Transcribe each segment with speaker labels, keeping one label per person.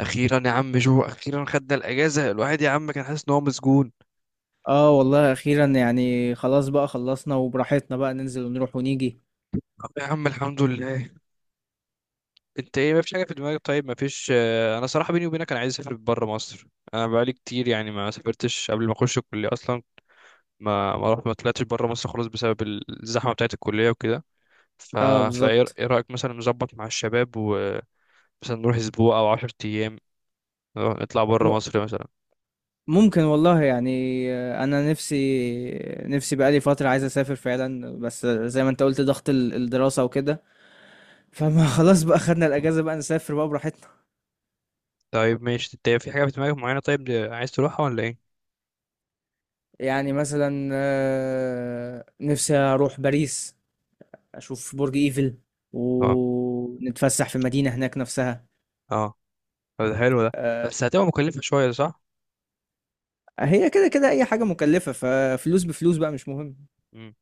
Speaker 1: اخيرا يا عم جو اخيرا خدنا الاجازه، الواحد يا عم كان حاسس ان هو مسجون.
Speaker 2: اه والله اخيرا يعني خلاص بقى خلصنا وبراحتنا بقى ننزل ونروح ونيجي.
Speaker 1: طب يا عم الحمد لله. انت ايه؟ مفيش حاجه في دماغك؟ طيب مفيش. انا صراحه بيني وبينك انا عايز اسافر بره مصر. انا بقالي كتير يعني ما سافرتش قبل ما اخش الكليه اصلا. ما رحت ما طلعتش بره مصر خالص بسبب الزحمه بتاعه الكليه وكده. ف
Speaker 2: اه
Speaker 1: فايه،
Speaker 2: بالظبط.
Speaker 1: ايه رايك مثلا نظبط مع الشباب ومثلا نروح اسبوع او 10 ايام؟ نطلع بره
Speaker 2: م-
Speaker 1: مصر مثلا.
Speaker 2: ممكن والله يعني. انا نفسي بقالي فترة عايز اسافر فعلا، بس زي ما انت قلت ضغط الدراسة وكده. فما خلاص بقى خدنا الاجازة بقى نسافر بقى براحتنا.
Speaker 1: طيب ماشي، انت في حاجه في دماغك معينه؟ طيب عايز تروحها ولا ايه؟
Speaker 2: يعني مثلا نفسي اروح باريس، اشوف برج ايفل
Speaker 1: اه.
Speaker 2: ونتفسح في المدينة هناك نفسها.
Speaker 1: اه. طب ده حلو ده.
Speaker 2: آه،
Speaker 1: بس هتبقى مكلفة شوية صح؟
Speaker 2: هي كده كده اي حاجة مكلفة، ففلوس بفلوس بقى مش مهم.
Speaker 1: مم.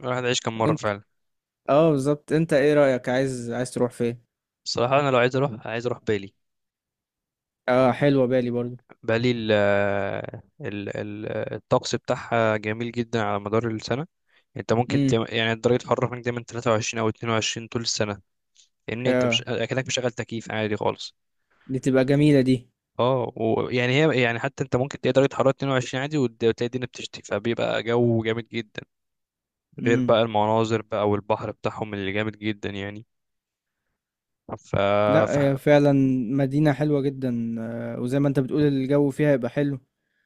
Speaker 1: الواحد عايش كم مرة فعلا؟
Speaker 2: اه بالظبط. انت ايه رأيك، عايز تروح فين؟
Speaker 1: الصراحة أنا لو عايز أروح عايز أروح بالي.
Speaker 2: اه حلوة بالي برضو.
Speaker 1: بالي، ال الطقس بتاعها جميل جدا على مدار السنة. أنت ممكن
Speaker 2: امم.
Speaker 1: تلاقي يعني درجة الحرارة هناك دايما 23 أو 22 طول السنة. لأن أنت مش
Speaker 2: اه
Speaker 1: أكنك مشغل تكييف عادي خالص.
Speaker 2: دي تبقى جميلة دي.
Speaker 1: اه، ويعني هي يعني حتى أنت ممكن تلاقي درجة حرارة 22 عادي وتلاقي الدنيا بتشتي فبيبقى جو جامد جدا. غير
Speaker 2: امم.
Speaker 1: بقى المناظر بقى والبحر بتاعهم اللي جامد جدا يعني. ف...
Speaker 2: لا
Speaker 1: ف...
Speaker 2: هي فعلا مدينة حلوة جدا، آه، وزي ما انت بتقول الجو فيها يبقى حلو.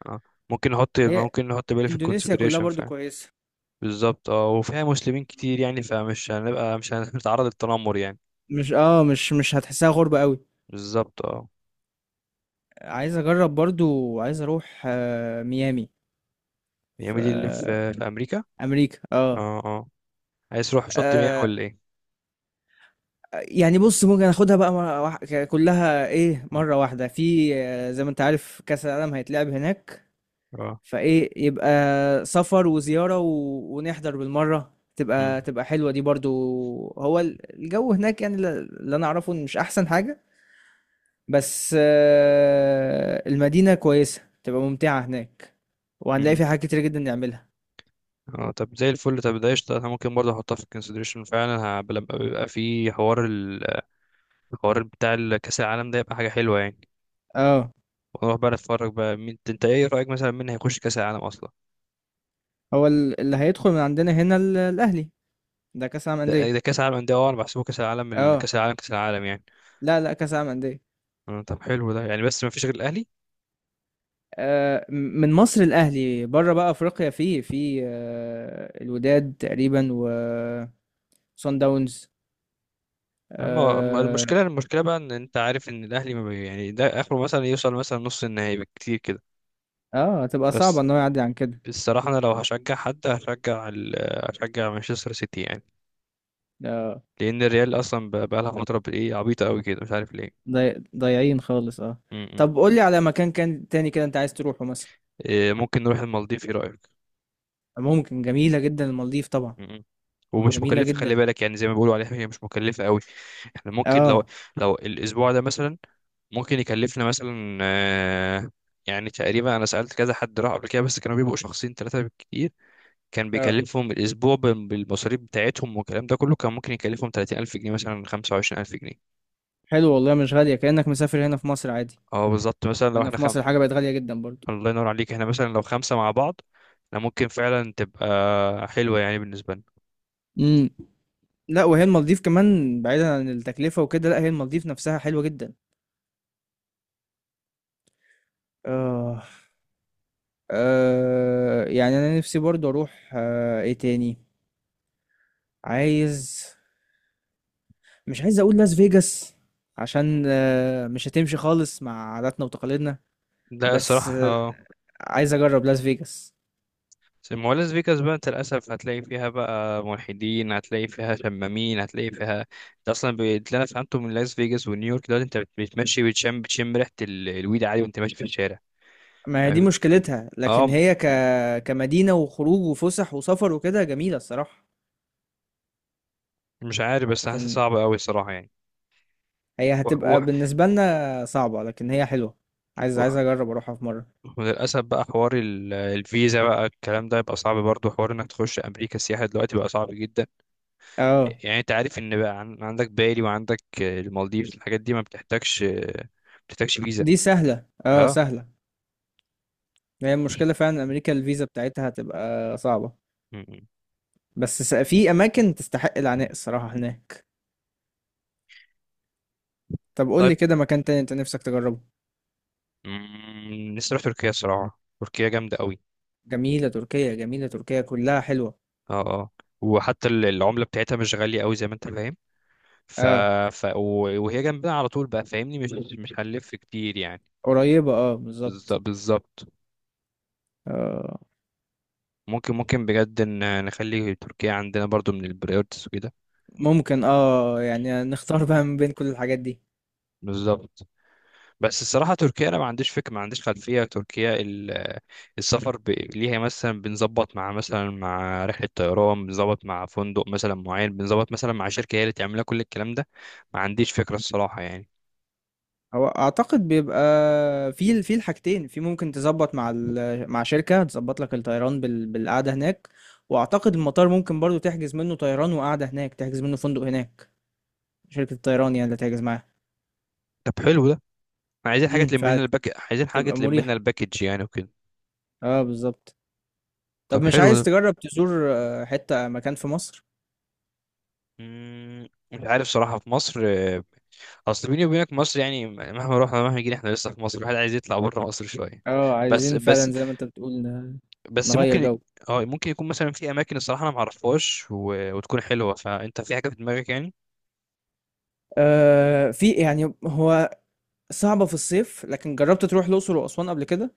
Speaker 1: اه، ممكن نحط
Speaker 2: هي
Speaker 1: ممكن نحط بالي في
Speaker 2: اندونيسيا كلها
Speaker 1: الكونسيدريشن
Speaker 2: برضو
Speaker 1: فعلا.
Speaker 2: كويسة.
Speaker 1: بالظبط اه، وفيها مسلمين
Speaker 2: مم.
Speaker 1: كتير يعني فمش هنبقى مش هنتعرض للتنمر يعني.
Speaker 2: مش هتحسها غربة قوي.
Speaker 1: بالظبط اه.
Speaker 2: عايز اجرب برضو، عايز اروح آه ميامي. في
Speaker 1: ميامي دي اللي في،
Speaker 2: آه
Speaker 1: في امريكا؟
Speaker 2: امريكا. اه.
Speaker 1: اه اه. عايز تروح شط ميامي
Speaker 2: آه،
Speaker 1: ولا ايه؟
Speaker 2: يعني بص ممكن اخدها بقى كلها ايه مرة واحدة، في آه، زي ما انت عارف كأس العالم هيتلعب هناك.
Speaker 1: اه.
Speaker 2: فايه يبقى سفر وزيارة و... ونحضر بالمرة، تبقى
Speaker 1: مم.
Speaker 2: حلوة دي برضو. هو الجو هناك، يعني اللي انا اعرفه إن مش احسن حاجة. بس آه، المدينة كويسة، تبقى ممتعة هناك وهنلاقي
Speaker 1: مم.
Speaker 2: فيها حاجات كتير جدا نعملها.
Speaker 1: اه، طب زي الفل. طب ده قشطة، انا ممكن برضه احطها في الكونسيدريشن فعلا. لما بيبقى في حوار الحوار بتاع كاس العالم ده يبقى حاجة حلوة يعني.
Speaker 2: اه.
Speaker 1: ونروح بقى نتفرج بقى. مين انت ايه رأيك مثلا مين هيخش كاس العالم اصلا؟
Speaker 2: هو اللي هيدخل من عندنا هنا الاهلي. ده كأس العالم
Speaker 1: ده
Speaker 2: أندية.
Speaker 1: ده كاس العالم، ده اه انا بحسبه كاس العالم،
Speaker 2: اه.
Speaker 1: كاس العالم كاس العالم يعني.
Speaker 2: لا لا، كأس العالم أندية.
Speaker 1: آه، طب حلو ده يعني، بس ما فيش غير الاهلي.
Speaker 2: آه، من مصر الاهلي، بره بقى افريقيا في آه، الوداد تقريبا وصن داونز.
Speaker 1: أما
Speaker 2: اه.
Speaker 1: المشكله بقى ان انت عارف ان الاهلي ما بي يعني ده اخره مثلا يوصل مثلا نص النهائي بالكتير كده.
Speaker 2: آه، هتبقى
Speaker 1: بس
Speaker 2: صعبه ان هو يعدي عن كده.
Speaker 1: الصراحه انا لو هشجع حد هشجع مانشستر سيتي يعني.
Speaker 2: آه،
Speaker 1: لان الريال اصلا بقى لها فتره بايه عبيطه قوي كده مش عارف ليه.
Speaker 2: ضايعين خالص. اه.
Speaker 1: م- م.
Speaker 2: طب قول لي على مكان تاني كده انت عايز تروحه مثلا.
Speaker 1: إيه، ممكن نروح المالديف ايه رايك؟
Speaker 2: ممكن، جميله جدا المالديف طبعا.
Speaker 1: م- م. ومش
Speaker 2: جميله
Speaker 1: مكلفه خلي
Speaker 2: جدا.
Speaker 1: بالك، يعني زي ما بيقولوا عليها هي مش مكلفه قوي. احنا ممكن لو،
Speaker 2: اه
Speaker 1: لو الاسبوع ده مثلا، ممكن يكلفنا مثلا يعني تقريبا، انا سألت كذا حد راح قبل كده، بس كانوا بيبقوا شخصين ثلاثة بالكتير. كان
Speaker 2: اه.
Speaker 1: بيكلفهم الأسبوع بالمصاريف بتاعتهم والكلام ده كله كان ممكن يكلفهم 30,000 جنيه مثلا 25,000 جنيه.
Speaker 2: حلو والله، مش غاليه، كانك مسافر هنا في مصر عادي.
Speaker 1: اه بالظبط، مثلا لو
Speaker 2: هنا في مصر حاجه بقت غاليه جدا برضو.
Speaker 1: الله ينور عليك. احنا مثلا لو خمسة مع بعض احنا ممكن فعلا تبقى حلوة يعني بالنسبة لنا.
Speaker 2: امم. لا، وهي المالديف كمان بعيدا عن التكلفه وكده، لا هي المالديف نفسها حلوه جدا. آه. آه، يعني أنا نفسي برضه أروح آه، إيه تاني. عايز، مش عايز أقول لاس فيجاس عشان آه، مش هتمشي خالص مع عاداتنا وتقاليدنا.
Speaker 1: ده
Speaker 2: بس آه،
Speaker 1: الصراحة.
Speaker 2: عايز أجرب لاس فيجاس.
Speaker 1: ما هو لاس فيجاس بقى انت للاسف هتلاقي فيها بقى ملحدين، هتلاقي فيها شمامين، هتلاقي فيها، انت اصلا اللي انا فهمته من لاس فيجاس ونيويورك دلوقتي، انت بتمشي بتشم ريحه الويد عادي وانت ماشي في الشارع.
Speaker 2: ما هي دي
Speaker 1: ما-
Speaker 2: مشكلتها، لكن
Speaker 1: اه.
Speaker 2: هي كمدينة وخروج وفسح وسفر وكده جميلة الصراحة.
Speaker 1: مش عارف، بس حاسس
Speaker 2: لكن
Speaker 1: صعب قوي الصراحه يعني.
Speaker 2: هي
Speaker 1: وح
Speaker 2: هتبقى
Speaker 1: وح
Speaker 2: بالنسبة لنا صعبة، لكن هي حلوة. عايز
Speaker 1: وح
Speaker 2: أجرب أروحها في مرة.
Speaker 1: وللاسف بقى حوار الفيزا بقى الكلام ده يبقى صعب برضه، حوار انك تخش امريكا السياحه دلوقتي بقى صعب جدا.
Speaker 2: اه
Speaker 1: يعني انت عارف ان بقى عندك بالي وعندك المالديف، الحاجات دي ما بتحتاجش فيزا.
Speaker 2: دي سهلة، اه
Speaker 1: اه.
Speaker 2: سهلة. هي المشكلة فعلا أمريكا الفيزا بتاعتها هتبقى صعبة.
Speaker 1: م-
Speaker 2: في أماكن تستحق
Speaker 1: م.
Speaker 2: العناء الصراحة هناك. طب قول لي
Speaker 1: طيب.
Speaker 2: كده مكان تاني أنت نفسك تجربه.
Speaker 1: نفسي اروح تركيا صراحه، تركيا جامده قوي.
Speaker 2: جميلة تركيا، جميلة تركيا كلها حلوة.
Speaker 1: اه اه. وحتى العمله بتاعتها مش غاليه قوي زي ما انت فاهم. ف...
Speaker 2: اه.
Speaker 1: وهي جنبنا على طول بقى فاهمني، مش هنلف كتير يعني.
Speaker 2: قريبة اه بالظبط.
Speaker 1: بالظبط.
Speaker 2: آه.
Speaker 1: ممكن بجد ان نخلي تركيا عندنا برضو من البريورتس وكده.
Speaker 2: ممكن اه، يعني نختار بقى من بين كل الحاجات دي.
Speaker 1: بالظبط. بس الصراحة تركيا أنا ما عنديش فكرة، ما عنديش خلفية تركيا. السفر ليها مثلا، بنظبط مع مثلا مع رحلة طيران، بنظبط مع فندق مثلا معين، بنظبط مثلا مع شركة هي اللي تعمل لنا كل الكلام ده. ما عنديش فكرة الصراحة يعني.
Speaker 2: هو أعتقد بيبقى في في الحاجتين، في ممكن تظبط مع مع شركة تظبط لك الطيران بالقعدة هناك. وأعتقد المطار ممكن برضو تحجز منه طيران وقعدة هناك، تحجز منه فندق هناك، شركة الطيران يعني اللي تعجز معاها.
Speaker 1: طب حلو ده. احنا عايزين حاجة
Speaker 2: امم.
Speaker 1: تلم لنا عايزين حاجة
Speaker 2: فتبقى
Speaker 1: تلم
Speaker 2: مريحة.
Speaker 1: لنا الباكج يعني وكده.
Speaker 2: اه بالظبط. طب
Speaker 1: طب
Speaker 2: مش
Speaker 1: حلو
Speaker 2: عايز
Speaker 1: ده.
Speaker 2: تجرب تزور آه، حتة مكان في مصر؟
Speaker 1: مش عارف صراحة في مصر. أصل بيني وبينك مصر يعني مهما رحنا مهما جينا احنا لسه في مصر، الواحد عايز يطلع بره مصر شوية.
Speaker 2: اه
Speaker 1: بس
Speaker 2: عايزين
Speaker 1: بس
Speaker 2: فعلا زي ما انت بتقول
Speaker 1: بس
Speaker 2: نغير
Speaker 1: ممكن،
Speaker 2: جو.
Speaker 1: اه ممكن يكون مثلا في اماكن الصراحه انا معرفهاش وتكون حلوه، فانت في حاجه في دماغك يعني.
Speaker 2: آه في يعني، هو صعبة في الصيف، لكن جربت تروح الأقصر وأسوان قبل كده؟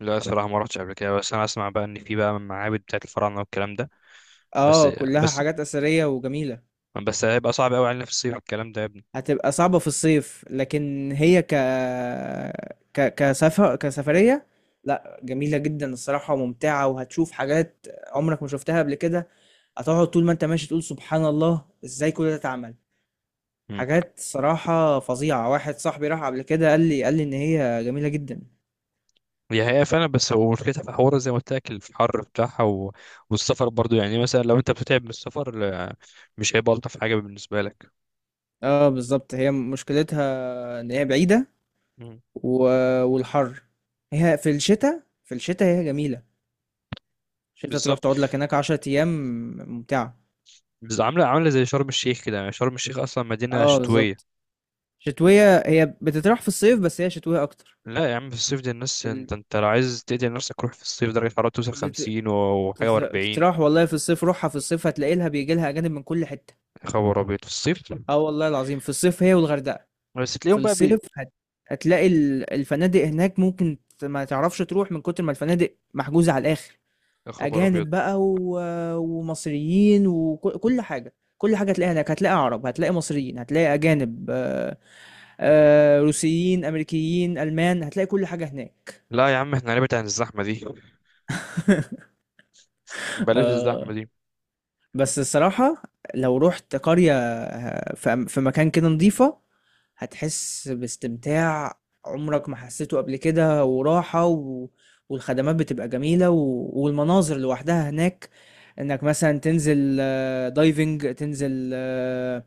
Speaker 1: لا الصراحه ما رحتش قبل كده، بس انا اسمع بقى ان في بقى معابد بتاعت الفراعنه والكلام ده. بس
Speaker 2: اه كلها
Speaker 1: بس
Speaker 2: حاجات أثرية وجميلة.
Speaker 1: بس هيبقى صعب قوي علينا في الصيف الكلام ده يا ابني.
Speaker 2: هتبقى صعبة في الصيف، لكن هي ك ك كسفر كسفرية، لا جميلة جدا الصراحة وممتعة، وهتشوف حاجات عمرك ما شفتها قبل كده. هتقعد طول ما انت ماشي تقول سبحان الله ازاي كل ده اتعمل.
Speaker 1: مم.
Speaker 2: حاجات صراحة فظيعة، واحد صاحبي راح قبل كده قال لي ان هي جميلة جدا.
Speaker 1: هي فعلا، بس هو مشكلتها في حوار زي ما قلت لك الحر بتاعها والسفر برضو يعني، مثلا لو انت بتتعب من السفر مش هيبقى الطف حاجه بالنسبه لك.
Speaker 2: اه بالظبط. هي مشكلتها ان هي بعيدة
Speaker 1: مم.
Speaker 2: و... والحر. هي في الشتاء، هي جميلة. الشتاء تروح
Speaker 1: بالظبط.
Speaker 2: تقعد لك هناك 10 ايام، ممتعة.
Speaker 1: بس عامله زي شرم الشيخ كده يعني، شرم الشيخ اصلا مدينه
Speaker 2: اه بالظبط.
Speaker 1: شتويه.
Speaker 2: شتوية، هي بتتراح في الصيف بس هي شتوية اكتر.
Speaker 1: لا يا عم في الصيف دي الناس،
Speaker 2: في ال...
Speaker 1: انت لو عايز تقتل نفسك روح في الصيف، درجة الحرارة توصل
Speaker 2: بت...
Speaker 1: خمسين وحاجة وأربعين.
Speaker 2: بتتراح والله في الصيف، روحها في الصيف هتلاقي لها، بيجي لها اجانب من كل حتة.
Speaker 1: يا خبر أبيض في الصيف.
Speaker 2: اه والله العظيم، في الصيف هي والغردقة.
Speaker 1: بس
Speaker 2: في
Speaker 1: تلاقيهم بقى
Speaker 2: الصيف هتلاقي الفنادق هناك ممكن ما تعرفش تروح من كتر ما الفنادق محجوزة على الآخر،
Speaker 1: يا خبر أبيض.
Speaker 2: أجانب بقى ومصريين كل حاجة، كل حاجة هتلاقيها هناك، هتلاقي عرب، هتلاقي مصريين، هتلاقي أجانب. روسيين، أمريكيين، ألمان، هتلاقي كل حاجة هناك.
Speaker 1: لا يا عم احنا نبعد عن الزحمة دي. بلاش
Speaker 2: آآ
Speaker 1: الزحمة دي.
Speaker 2: بس الصراحة، لو رُحت قرية، ه في م في مكان كده نضيفة، هتحس باستمتاع عمرك ما حسيته قبل كده، وراحة و... والخدمات بتبقى جميلة و... والمناظر لوحدها هناك. انك مثلا تنزل آه، دايفنج، تنزل آه،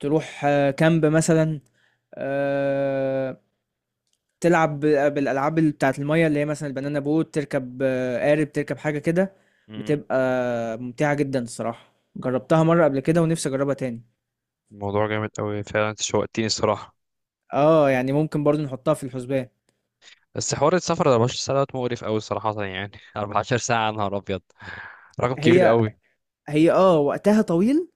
Speaker 2: تروح آه، كامب مثلا، آه، تلعب بالالعاب اللي بتاعت المية اللي هي مثلا البنانا بوت، تركب آه، قارب، تركب حاجة كده.
Speaker 1: م-
Speaker 2: بتبقى ممتعة جدا الصراحة، جربتها مرة قبل كده ونفسي اجربها تاني.
Speaker 1: الموضوع جامد أوي فعلا، انت شوقتني الصراحة.
Speaker 2: اه يعني ممكن برضو نحطها في الحسبان.
Speaker 1: بس حوار السفر 24 ساعة دوت مقرف أوي صراحة يعني 14 ساعة يا نهار أبيض، رقم كبير
Speaker 2: هي
Speaker 1: أوي.
Speaker 2: هي آه، وقتها طويل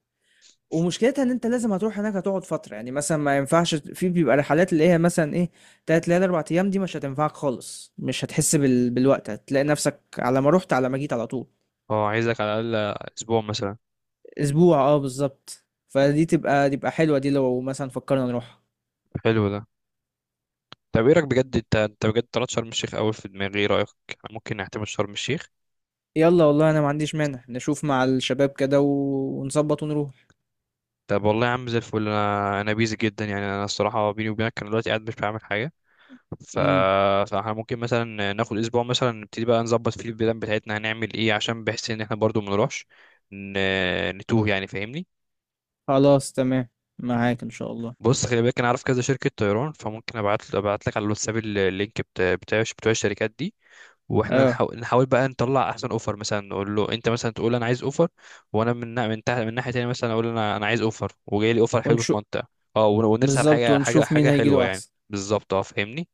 Speaker 2: ومشكلتها إن أنت لازم هتروح هناك هتقعد فترة، يعني مثلًا ما ينفعش، في بيبقى رحلات اللي هي مثلًا إيه 3 ليالي 4 أيام دي مش هتنفعك خالص، مش هتحس بالوقت، هتلاقي نفسك على ما رُحت على ما جيت على طول.
Speaker 1: اه، عايزك على الأقل أسبوع مثلا.
Speaker 2: أسبوع آه بالضبط، فدي تبقى حلوة دي لو مثلًا فكرنا نروحها.
Speaker 1: حلو ده. طب ايه رأيك بجد؟ انت بجد طلعت شرم الشيخ أوي في دماغي، ايه رأيك؟ ممكن نعتمد شرم الشيخ؟
Speaker 2: يالّا والله أنا ما عنديش مانع، نشوف مع الشباب كده ونضبط ونروح.
Speaker 1: طب والله يا عم زي الفل، انا بيزي جدا يعني، انا الصراحه بيني وبينك انا دلوقتي قاعد مش بعمل حاجه. ف...
Speaker 2: إمم،
Speaker 1: فاحنا ممكن مثلا ناخد اسبوع مثلا نبتدي بقى نظبط فيه البلان بتاعتنا هنعمل ايه، عشان بحس ان احنا برضو منروحش، ن... نتوه يعني فاهمني.
Speaker 2: خلاص تمام،
Speaker 1: ماشي.
Speaker 2: معاك إن شاء الله.
Speaker 1: بص خلي بالك انا عارف كذا شركه طيران، فممكن ابعت لك على الواتساب اللينك بتاع بتوع الشركات دي. واحنا
Speaker 2: آه،
Speaker 1: نحاول بقى نطلع احسن اوفر، مثلا نقول له انت مثلا تقول انا عايز اوفر، وانا من من تحت من ناحيه تانية مثلا اقول انا عايز اوفر وجاي لي اوفر حلو في
Speaker 2: ونشو
Speaker 1: منطقه. اه ونرسل على
Speaker 2: بالضبط،
Speaker 1: حاجه حاجه
Speaker 2: ونشوف مين
Speaker 1: حاجه
Speaker 2: هييجي
Speaker 1: حلوه
Speaker 2: له
Speaker 1: يعني.
Speaker 2: أحسن.
Speaker 1: بالظبط اه فاهمني.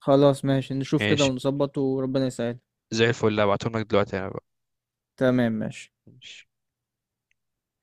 Speaker 2: خلاص ماشي، نشوف كده
Speaker 1: ماشي.
Speaker 2: ونظبط وربنا يسهل.
Speaker 1: زي الفل هبعتهم لك دلوقتي انا بقى.
Speaker 2: تمام ماشي
Speaker 1: ماشي.